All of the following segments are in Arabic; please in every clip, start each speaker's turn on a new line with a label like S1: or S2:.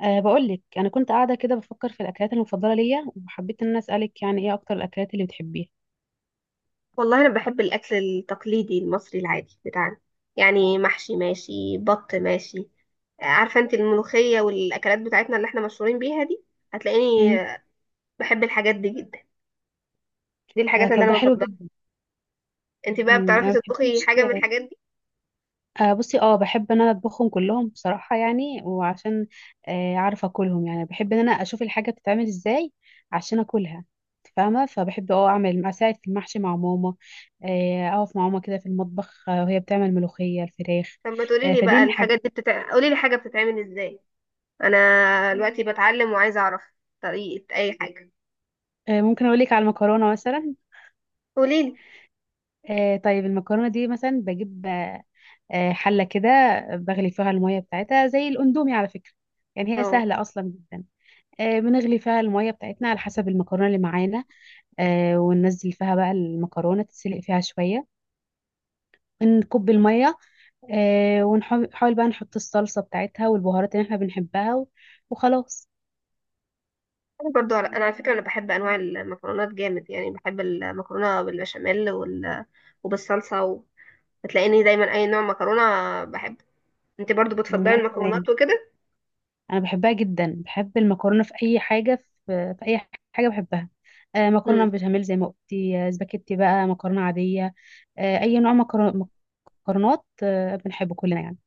S1: بقول لك انا كنت قاعده كده بفكر في الاكلات المفضله ليا، وحبيت ان انا اسالك، يعني ايه اكتر الاكلات اللي بتحبيها؟
S2: والله انا بحب الاكل التقليدي المصري العادي بتاعنا. يعني محشي ماشي، بط ماشي، عارفه انت، الملوخيه والاكلات بتاعتنا اللي احنا مشهورين بيها دي. هتلاقيني
S1: مم.
S2: بحب الحاجات دي جدا. دي الحاجات اللي
S1: طب ده
S2: انا
S1: حلو
S2: بفضلها.
S1: جدا.
S2: انت بقى
S1: يعني
S2: بتعرفي
S1: ما
S2: تطبخي
S1: بتحبيش.
S2: حاجه من الحاجات دي؟
S1: بصي، بحب ان انا اطبخهم كلهم بصراحه، يعني وعشان... عارفه اكلهم، يعني بحب ان انا اشوف الحاجه بتتعمل ازاي عشان اكلها. إنت فاهمه؟ فبحب اه اعمل اساعد في المحشي مع ماما. اقف مع ماما كده في المطبخ، وهي بتعمل ملوخيه الفراخ.
S2: طب ما تقولي لي
S1: فدي
S2: بقى
S1: من الحاجات.
S2: الحاجات دي قولي لي حاجه بتتعمل ازاي. انا دلوقتي بتعلم وعايزه اعرف طريقه اي حاجه.
S1: ممكن اقول لك على المكرونه مثلا.
S2: قولي لي.
S1: طيب، المكرونة دي مثلا بجيب حلة كده، بغلي فيها المية بتاعتها زي الأندومي على فكرة. يعني هي
S2: اه،
S1: سهلة أصلا جدا. بنغلي فيها المية بتاعتنا على حسب المكرونة اللي معانا، وننزل فيها بقى المكرونة تتسلق فيها شوية، نكب المية، ونحاول بقى نحط الصلصة بتاعتها والبهارات اللي احنا بنحبها وخلاص.
S2: انا برضو انا على فكره انا بحب انواع المكرونات جامد. يعني بحب المكرونه بالبشاميل وبالصلصه. هتلاقيني دايما اي نوع مكرونه بحبه. انت برضو
S1: مم،
S2: بتفضلي
S1: وأنا كمان.
S2: المكرونات وكده؟
S1: أنا بحبها جدا، بحب المكرونة في أي حاجة، في أي حاجة بحبها.
S2: امم،
S1: مكرونة بشاميل زي ما قلتي، سباكيتي بقى مكرونة عادية، اي نوع مكرونه، مكرونات بنحبه كلنا يعني.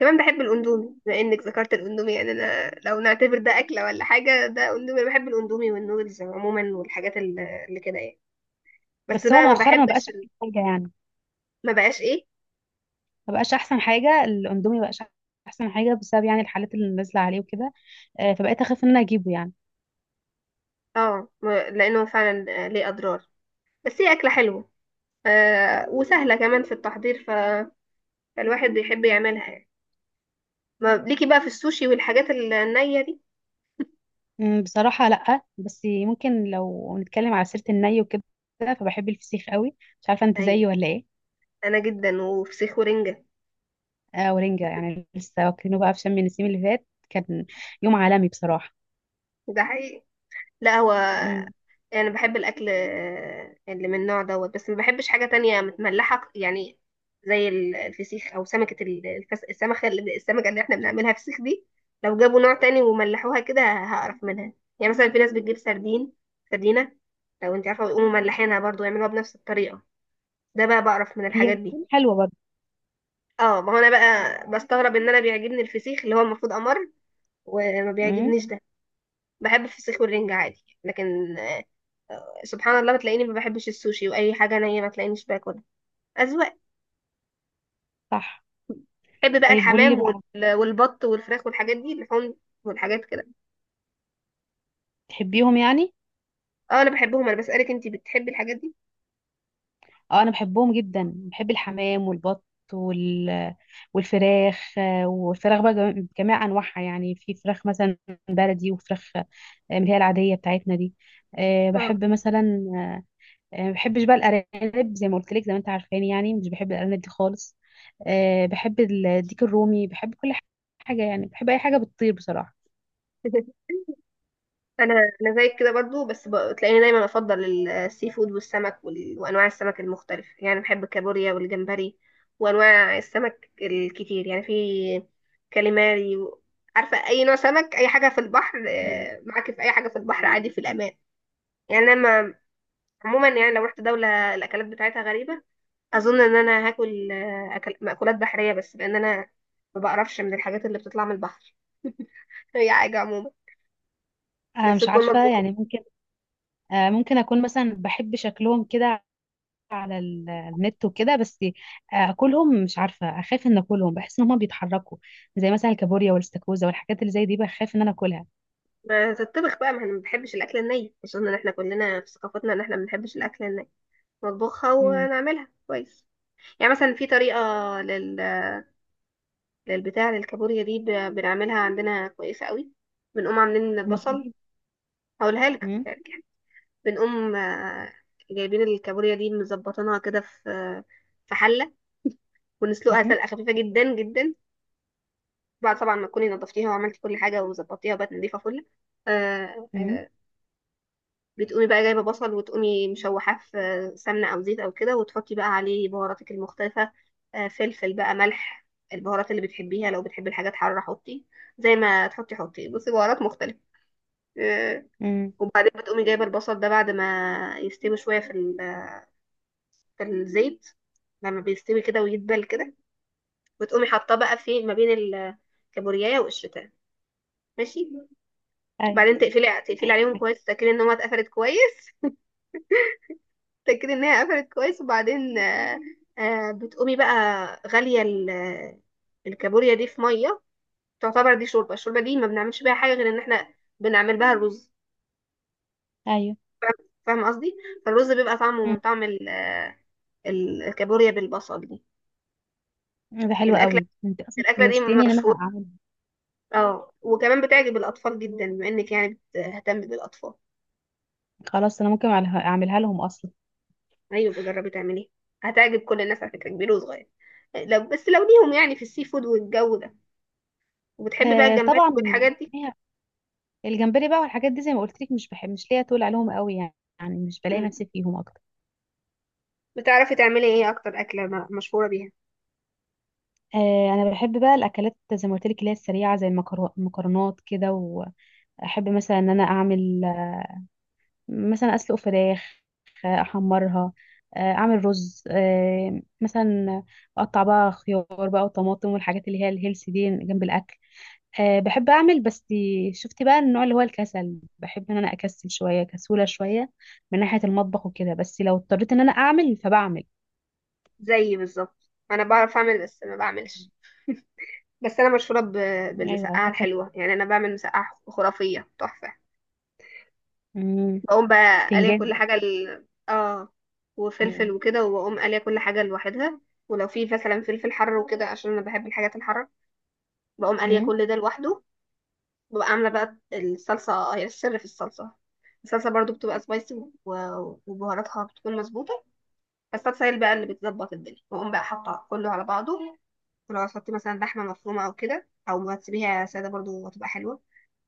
S2: كمان بحب الاندومي. بما انك ذكرت الاندومي، يعني انا لو نعتبر ده اكله ولا حاجه، ده اندومي. بحب الاندومي والنودلز عموما، والحاجات اللي كده يعني. بس
S1: بس هو
S2: بقى ما
S1: مؤخرا ما بقاش
S2: بحبش
S1: احسن حاجه يعني.
S2: ما بقاش ايه.
S1: ما بقاش احسن حاجه، الاندومي ما بقاش احسن حاجه بسبب يعني الحالات اللي نازله عليه وكده. فبقيت اخاف ان انا اجيبه يعني.
S2: اه، لانه فعلا ليه اضرار، بس هي اكله حلوه، آه، وسهله كمان في التحضير. فالواحد بيحب يعملها يعني. ما ليكي بقى في السوشي والحاجات النيه دي؟
S1: بصراحه لا، بس ممكن لو نتكلم على سيره الني وكده، فبحب الفسيخ قوي. مش عارفه انت
S2: ايوه،
S1: زيي ولا ايه؟
S2: انا جدا، وفسيخ ورنجه.
S1: آه، ورنجه، يعني لسه واكلينه بقى، في شم النسيم اللي فات كان يوم عالمي بصراحه.
S2: ده حقيقي. لا، هو
S1: أمم.
S2: يعني انا بحب الاكل اللي من النوع دوت، بس ما بحبش حاجه تانية متملحه يعني. زي الفسيخ، او سمكه السمكه اللي احنا بنعملها فسيخ دي، لو جابوا نوع تاني وملحوها كده هقرف منها. يعني مثلا في ناس بتجيب سردين، سردينه، لو انت عارفه، ويقوموا ملحينها برضو يعملوها بنفس الطريقه. ده بقى بقرف من
S1: هي
S2: الحاجات دي.
S1: بتكون حلوه برضه.
S2: اه، ما هو انا بقى بستغرب ان انا بيعجبني الفسيخ اللي هو المفروض امر، وما
S1: أمم.
S2: بيعجبنيش ده. بحب الفسيخ والرنجة عادي، لكن سبحان الله بتلاقيني ما بحبش السوشي، واي حاجه نيه ما تلاقينيش باكلها. اذواق.
S1: صح.
S2: بحب بقى
S1: طيب قولي لي
S2: الحمام
S1: بقى،
S2: والبط والفراخ والحاجات دي، اللحوم والحاجات كده.
S1: تحبيهم يعني؟
S2: اه، انا بحبهم. انا بسالك انتي بتحبي الحاجات دي؟
S1: اه، انا بحبهم جدا، بحب الحمام والبط وال... والفراخ، بقى بجميع انواعها، يعني في فراخ مثلا بلدي وفراخ اللي هي العاديه بتاعتنا دي.
S2: اه.
S1: بحب مثلا... ما بحبش بقى الارانب، زي ما قلت لك، زي ما انت عارفاني، يعني مش بحب الارانب دي خالص. بحب الديك الرومي، بحب كل حاجه، يعني بحب اي حاجه بتطير بصراحه.
S2: انا انا زيك كده برضو. بس بتلاقيني دايما افضل السي فود والسمك وانواع السمك المختلفه يعني. بحب الكابوريا والجمبري وانواع السمك الكتير. يعني في كاليماري عارفه، اي نوع سمك، اي حاجه في البحر،
S1: أيوة.
S2: معاكي في اي حاجه في البحر عادي، في الامان يعني. انا عموما يعني لو رحت دولة الأكلات بتاعتها غريبة، أظن إن أنا هاكل، أكل مأكولات بحرية بس، لأن أنا ما بقرفش من الحاجات اللي بتطلع من البحر. هي حاجة عموما بس
S1: مش
S2: تكون
S1: عارفه
S2: مطبوخة.
S1: يعني، ممكن... ممكن اكون مثلا بحب شكلهم كده على النت وكده، بس اكلهم مش عارفه، اخاف ان اكلهم، بحس ان هما بيتحركوا، زي مثلا الكابوريا والاستاكوزا والحاجات اللي زي دي، بخاف ان انا اكلها.
S2: ما تطبخ بقى، ما احنا ما بنحبش الأكل الني. أظن إن احنا كلنا في ثقافتنا إن احنا ما بنحبش الأكل الني، نطبخها
S1: امم.
S2: ونعملها كويس. يعني مثلا في طريقة لل... للبتاع للكابوريا دي، بنعملها عندنا كويسة قوي. بنقوم عاملين
S1: ما
S2: البصل.
S1: تقولي.
S2: هقولها لك
S1: امم.
S2: يعني. بنقوم، جايبين الكابوريا دي مظبطينها كده في، في حله، ونسلقها
S1: امم.
S2: سلقه خفيفه جدا جدا. بعد طبعا ما تكوني نضفتيها وعملتي كل حاجه وظبطتيها وبقت نضيفه فل. آه،
S1: امم.
S2: آه، بتقومي بقى جايبه بصل، وتقومي مشوحاه في سمنه او زيت او كده، وتحطي بقى عليه بهاراتك المختلفه. فلفل بقى، ملح، البهارات اللي بتحبيها. لو بتحبي الحاجات حاره حطي. زي ما تحطي، حطي، بصي، بهارات مختلفه. آه،
S1: امم.
S2: وبعدين بتقومي جايبه البصل ده بعد ما يستوي شويه في الزيت. لما بيستوي كده ويدبل كده، وتقومي حاطاه بقى في ما بين الكابوريايه والشوتان، ماشي.
S1: ايوه.
S2: بعدين تقفلي عليهم
S1: ايوه.
S2: كويس، تتاكدي ان هي اتقفلت كويس. تتاكدي ان هي قفلت كويس، وبعدين، بتقومي بقى غاليه الكابوريا دي في ميه. تعتبر دي شوربه. الشوربه دي ما بنعملش بيها حاجه غير ان احنا بنعمل بها الرز.
S1: ايوه.
S2: فاهمه قصدي؟ فالرز بيبقى طعمه
S1: مم.
S2: من طعم الكابوريا بالبصل دي.
S1: ده حلو
S2: الاكله
S1: قوي، انت اصلا
S2: الاكله دي
S1: حمستني ان انا
S2: مشهوره.
S1: اعمل.
S2: اه، وكمان بتعجب الأطفال جدا، بما إنك يعني بتهتم بالأطفال.
S1: خلاص، انا ممكن أعملها لهم اصلا.
S2: أيوة بجربي تعمليه، هتعجب كل الناس على فكرة، كبير وصغير. لو بس لو ليهم يعني في السي فود والجو ده. وبتحبي بقى
S1: آه،
S2: الجمبري
S1: طبعا.
S2: والحاجات دي؟
S1: الجمبري بقى والحاجات دي، زي ما قلت لك، مش بحب، مش ليا تقول عليهم قوي يعني، يعني مش بلاقي
S2: مم.
S1: نفسي فيهم.
S2: بتعرفي تعملي ايه أكتر أكلة مشهورة بيها؟
S1: انا بحب بقى الاكلات زي ما قلت لك اللي هي السريعه، زي المكرونات كده، واحب مثلا ان انا اعمل مثلا اسلق فراخ، احمرها، اعمل رز مثلا، اقطع بقى خيار بقى وطماطم والحاجات اللي هي الهيلثي دي جنب الاكل. بحب اعمل بس شفتي بقى النوع اللي هو الكسل، بحب ان انا اكسل شويه، كسوله شويه من ناحيه المطبخ وكده، بس لو اضطريت ان انا اعمل فبعمل.
S2: زيي بالظبط، أنا بعرف أعمل بس ما بعملش. بس أنا مشهورة
S1: ايوه،
S2: بالمسقعة
S1: هو كسل.
S2: الحلوة يعني. أنا بعمل مسقعة خرافية، تحفة.
S1: مم.
S2: بقوم بقى قاليه
S1: بتنجان
S2: كل
S1: بقى.
S2: حاجة اه، وفلفل
S1: مم.
S2: وكده، وبقوم قاليه كل حاجة لوحدها. ولو في مثلا فلفل حر وكده عشان انا بحب الحاجات الحارة، بقوم قاليه
S1: مم.
S2: كل ده لوحده. ببقى عاملة بقى الصلصة، هي السر في الصلصة. الصلصة برضو بتبقى سبايسي، وبهاراتها بتكون مظبوطة. الصلصة هي اللي بقى اللي بتظبط الدنيا. بقوم بقى حاطة كله على بعضه. ولو هتحطي مثلا لحمة مفرومة أو كده، أو ما تسيبيها سادة برضو هتبقى حلوة.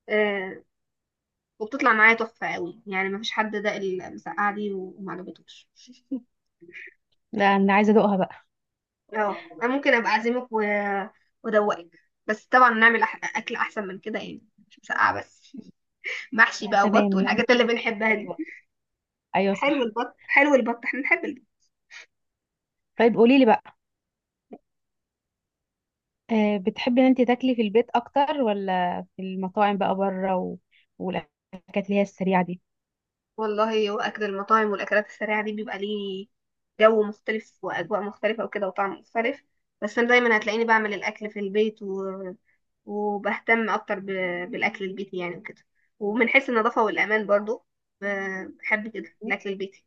S2: آه. وبتطلع معايا تحفة قوي يعني. مفيش حد ده المسقعة دي ومعجبتوش.
S1: لا، انا عايزه ادوقها بقى.
S2: اه، انا ممكن ابقى اعزمك وادوقك، بس طبعا نعمل اكل احسن من كده يعني. مش مسقعه بس. محشي بقى، وبط،
S1: تمام.
S2: والحاجات اللي بنحبها دي.
S1: ايوه. ايوه
S2: حلو
S1: صح.
S2: البط، حلو البط، احنا نحب البط.
S1: طيب قولي لي بقى، بتحبي ان انت تاكلي في البيت اكتر ولا في المطاعم بقى بره والاكلات اللي هي السريعه دي؟
S2: والله هو اكل المطاعم والاكلات السريعه دي بيبقى ليه جو مختلف، واجواء مختلفه وكده، وطعم مختلف. بس انا دايما هتلاقيني بعمل الاكل في البيت وبهتم اكتر بالاكل البيتي يعني وكده. ومن حيث النظافه والامان برضو، ب- بحب كده الاكل البيتي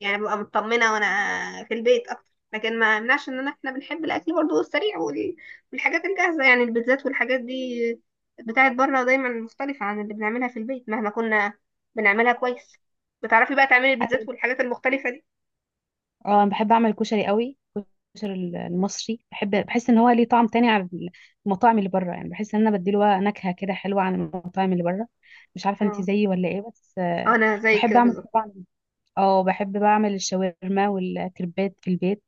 S2: يعني. ببقى مطمنة وانا في البيت اكتر. لكن ما يمنعش ان انا احنا بنحب الاكل برضو السريع والحاجات الجاهزة، يعني البيتزات والحاجات دي بتاعت بره دايما مختلفة عن اللي بنعملها في البيت، مهما كنا بنعملها كويس. بتعرفي بقى تعملي
S1: عايزه
S2: البيتزات
S1: أقول-
S2: والحاجات المختلفة دي؟
S1: اه انا بحب اعمل كشري قوي، الكشري المصري بحب، بحس ان هو ليه طعم تاني عن المطاعم اللي بره، يعني بحس ان انا بديله نكهه كده حلوه عن المطاعم اللي بره. مش عارفه انت
S2: اه،
S1: زيي ولا ايه؟ بس
S2: انا زي
S1: بحب
S2: كده
S1: اعمل
S2: بالظبط.
S1: طبعا، اه بحب بعمل الشاورما والكريبات في البيت.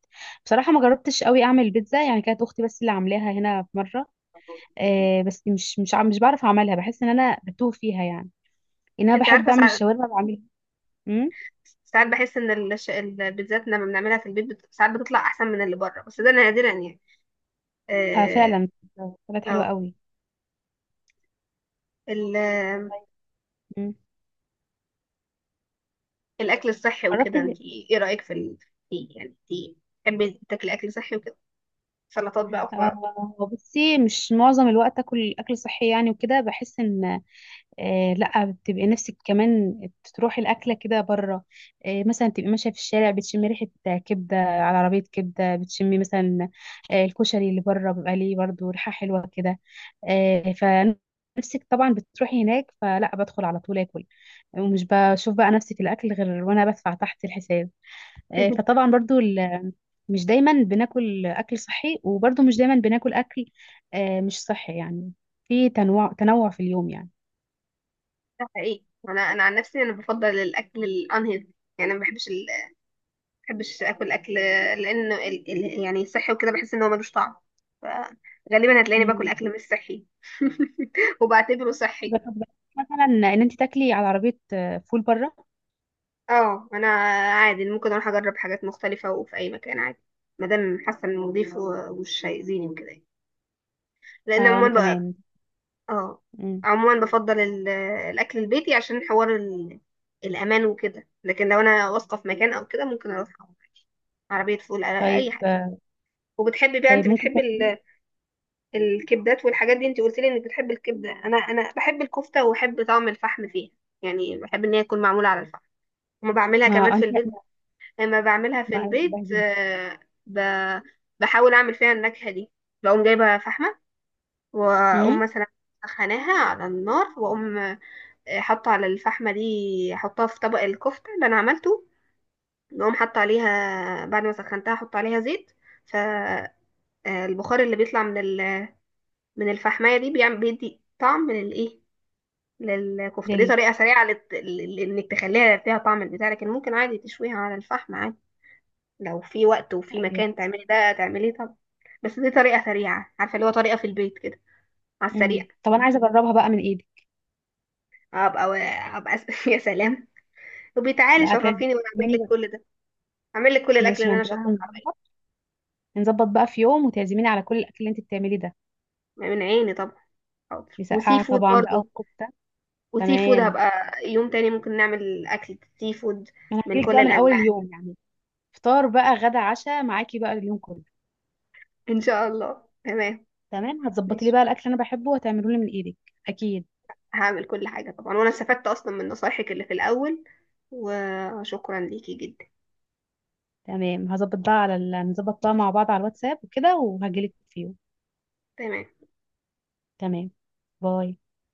S1: بصراحه ما جربتش قوي اعمل بيتزا، يعني كانت اختي بس اللي عاملاها هنا في مره. بس مش بعرف اعملها، بحس ان انا بتوه فيها يعني، ان انا
S2: انت
S1: بحب
S2: عارفة،
S1: اعمل
S2: ساعات،
S1: الشاورما بعملها. امم.
S2: ساعات بحس ان البيتزات لما بنعملها في البيت ساعات بتطلع احسن من اللي بره، بس ده نادرا يعني.
S1: آه
S2: اه.
S1: فعلا، طلعت حلوه
S2: آه.
S1: قوي.
S2: ال-
S1: مم.
S2: الاكل الصحي
S1: جربت.
S2: وكده، انت ايه رايك في يعني انت بتحبي تاكلي اكل صحي وكده، سلطات بقى وخضار؟
S1: بصي، مش معظم الوقت اكل صحي يعني وكده، بحس ان... لا، بتبقي نفسك كمان تروحي الأكلة كده بره. مثلا تبقي ماشية في الشارع بتشمي ريحة كبدة على عربية كبدة، بتشمي مثلا الكشري اللي بره بيبقى ليه برضه ريحة حلوة كده. فنفسك طبعا بتروحي هناك، فلا بدخل على طول آكل، ومش بشوف بقى نفسي في الأكل غير وأنا بدفع تحت الحساب. فطبعا برضه مش دايما بناكل أكل صحي، وبرضه مش دايما بناكل أكل مش صحي يعني، في تنوع، تنوع في اليوم يعني.
S2: ده حقيقي. انا انا عن نفسي انا بفضل الاكل الانهيلثي يعني. ما بحبش اكل لان يعني الصحي وكده بحس ان هو ملوش طعم. فغالبا هتلاقيني باكل
S1: مم.
S2: اكل مش صحي. وبعتبره صحي.
S1: جربت مثلا ان انت تاكلي على عربيه فول بره؟
S2: اه، انا عادي ممكن اروح اجرب حاجات مختلفه، وفي اي مكان عادي، ما دام حاسه انه نضيف ومش هيأذيني وكده يعني. لان
S1: آه، وانا
S2: عموما،
S1: كمان.
S2: اه،
S1: مم.
S2: عموما بفضل الاكل البيتي عشان حوار الامان وكده. لكن لو انا واثقه في مكان او كده، ممكن اروح أقعد عربيه فول، اي
S1: طيب
S2: حاجه. وبتحبي بقى، انت
S1: طيب ممكن
S2: بتحبي
S1: تاكلي...
S2: الكبدات والحاجات دي؟ انت قلت لي انك بتحبي الكبده. انا انا بحب الكفته وبحب طعم الفحم فيها. يعني بحب ان هي تكون معموله على الفحم. وما بعملها كمان
S1: ما
S2: في
S1: انت ما
S2: البيت. لما بعملها في
S1: انا بحبها
S2: البيت،
S1: جدا.
S2: ب- بحاول اعمل فيها النكهه دي. بقوم جايبه فحمه،
S1: امم.
S2: واقوم مثلا سخناها على النار، واقوم حط على الفحمة دي. حطها في طبق الكفتة اللي أنا عملته. نقوم حط عليها بعد ما سخنتها، حط عليها زيت. فالبخار اللي بيطلع من الفحماية دي بيعمل بيدي طعم للإيه، للكفتة دي.
S1: لل
S2: طريقة سريعة إنك تخليها فيها طعم البتاع. لكن ممكن عادي تشويها على الفحم عادي، لو في وقت وفي
S1: ايوه.
S2: مكان تعملي ده تعمليه طبعا. بس دي طريقة سريعة، عارفة، اللي هو طريقة في البيت كده على
S1: امم.
S2: السريع.
S1: طب انا عايزه اجربها بقى من ايدك.
S2: أبقى، أبقى. يا سلام. وبتعالي
S1: لا،
S2: شرفيني وأنا أعمل
S1: تعزميني
S2: لك
S1: بقى.
S2: كل ده. هعمل لك كل الاكل
S1: ماشي، ما
S2: اللي انا
S1: انت بقى
S2: شاطره في عمله.
S1: هنظبط، نظبط بقى في يوم وتعزميني على كل الاكل اللي انت بتعمليه ده.
S2: من عيني طبعا، حاضر. وسي
S1: مسقعه
S2: فود
S1: طبعا بقى،
S2: برضو،
S1: وكفته.
S2: وسي فود
S1: تمام.
S2: هبقى يوم تاني ممكن نعمل اكل سي فود
S1: انا
S2: من
S1: هجيلك
S2: كل
S1: بقى من اول
S2: الانواع.
S1: اليوم يعني، فطار بقى، غدا، عشاء، معاكي بقى اليوم كله.
S2: ان شاء الله، تمام.
S1: تمام، هتظبطي لي
S2: ماشي،
S1: بقى الاكل اللي انا بحبه وهتعمله لي من ايدك. اكيد.
S2: هعمل كل حاجه طبعا. وانا استفدت اصلا من نصايحك اللي في الاول، وشكرا ليكي جدا.
S1: تمام، هظبط بقى على نظبط بقى مع بعض على الواتساب وكده وهجيلك فيه.
S2: تمام.
S1: تمام. باي.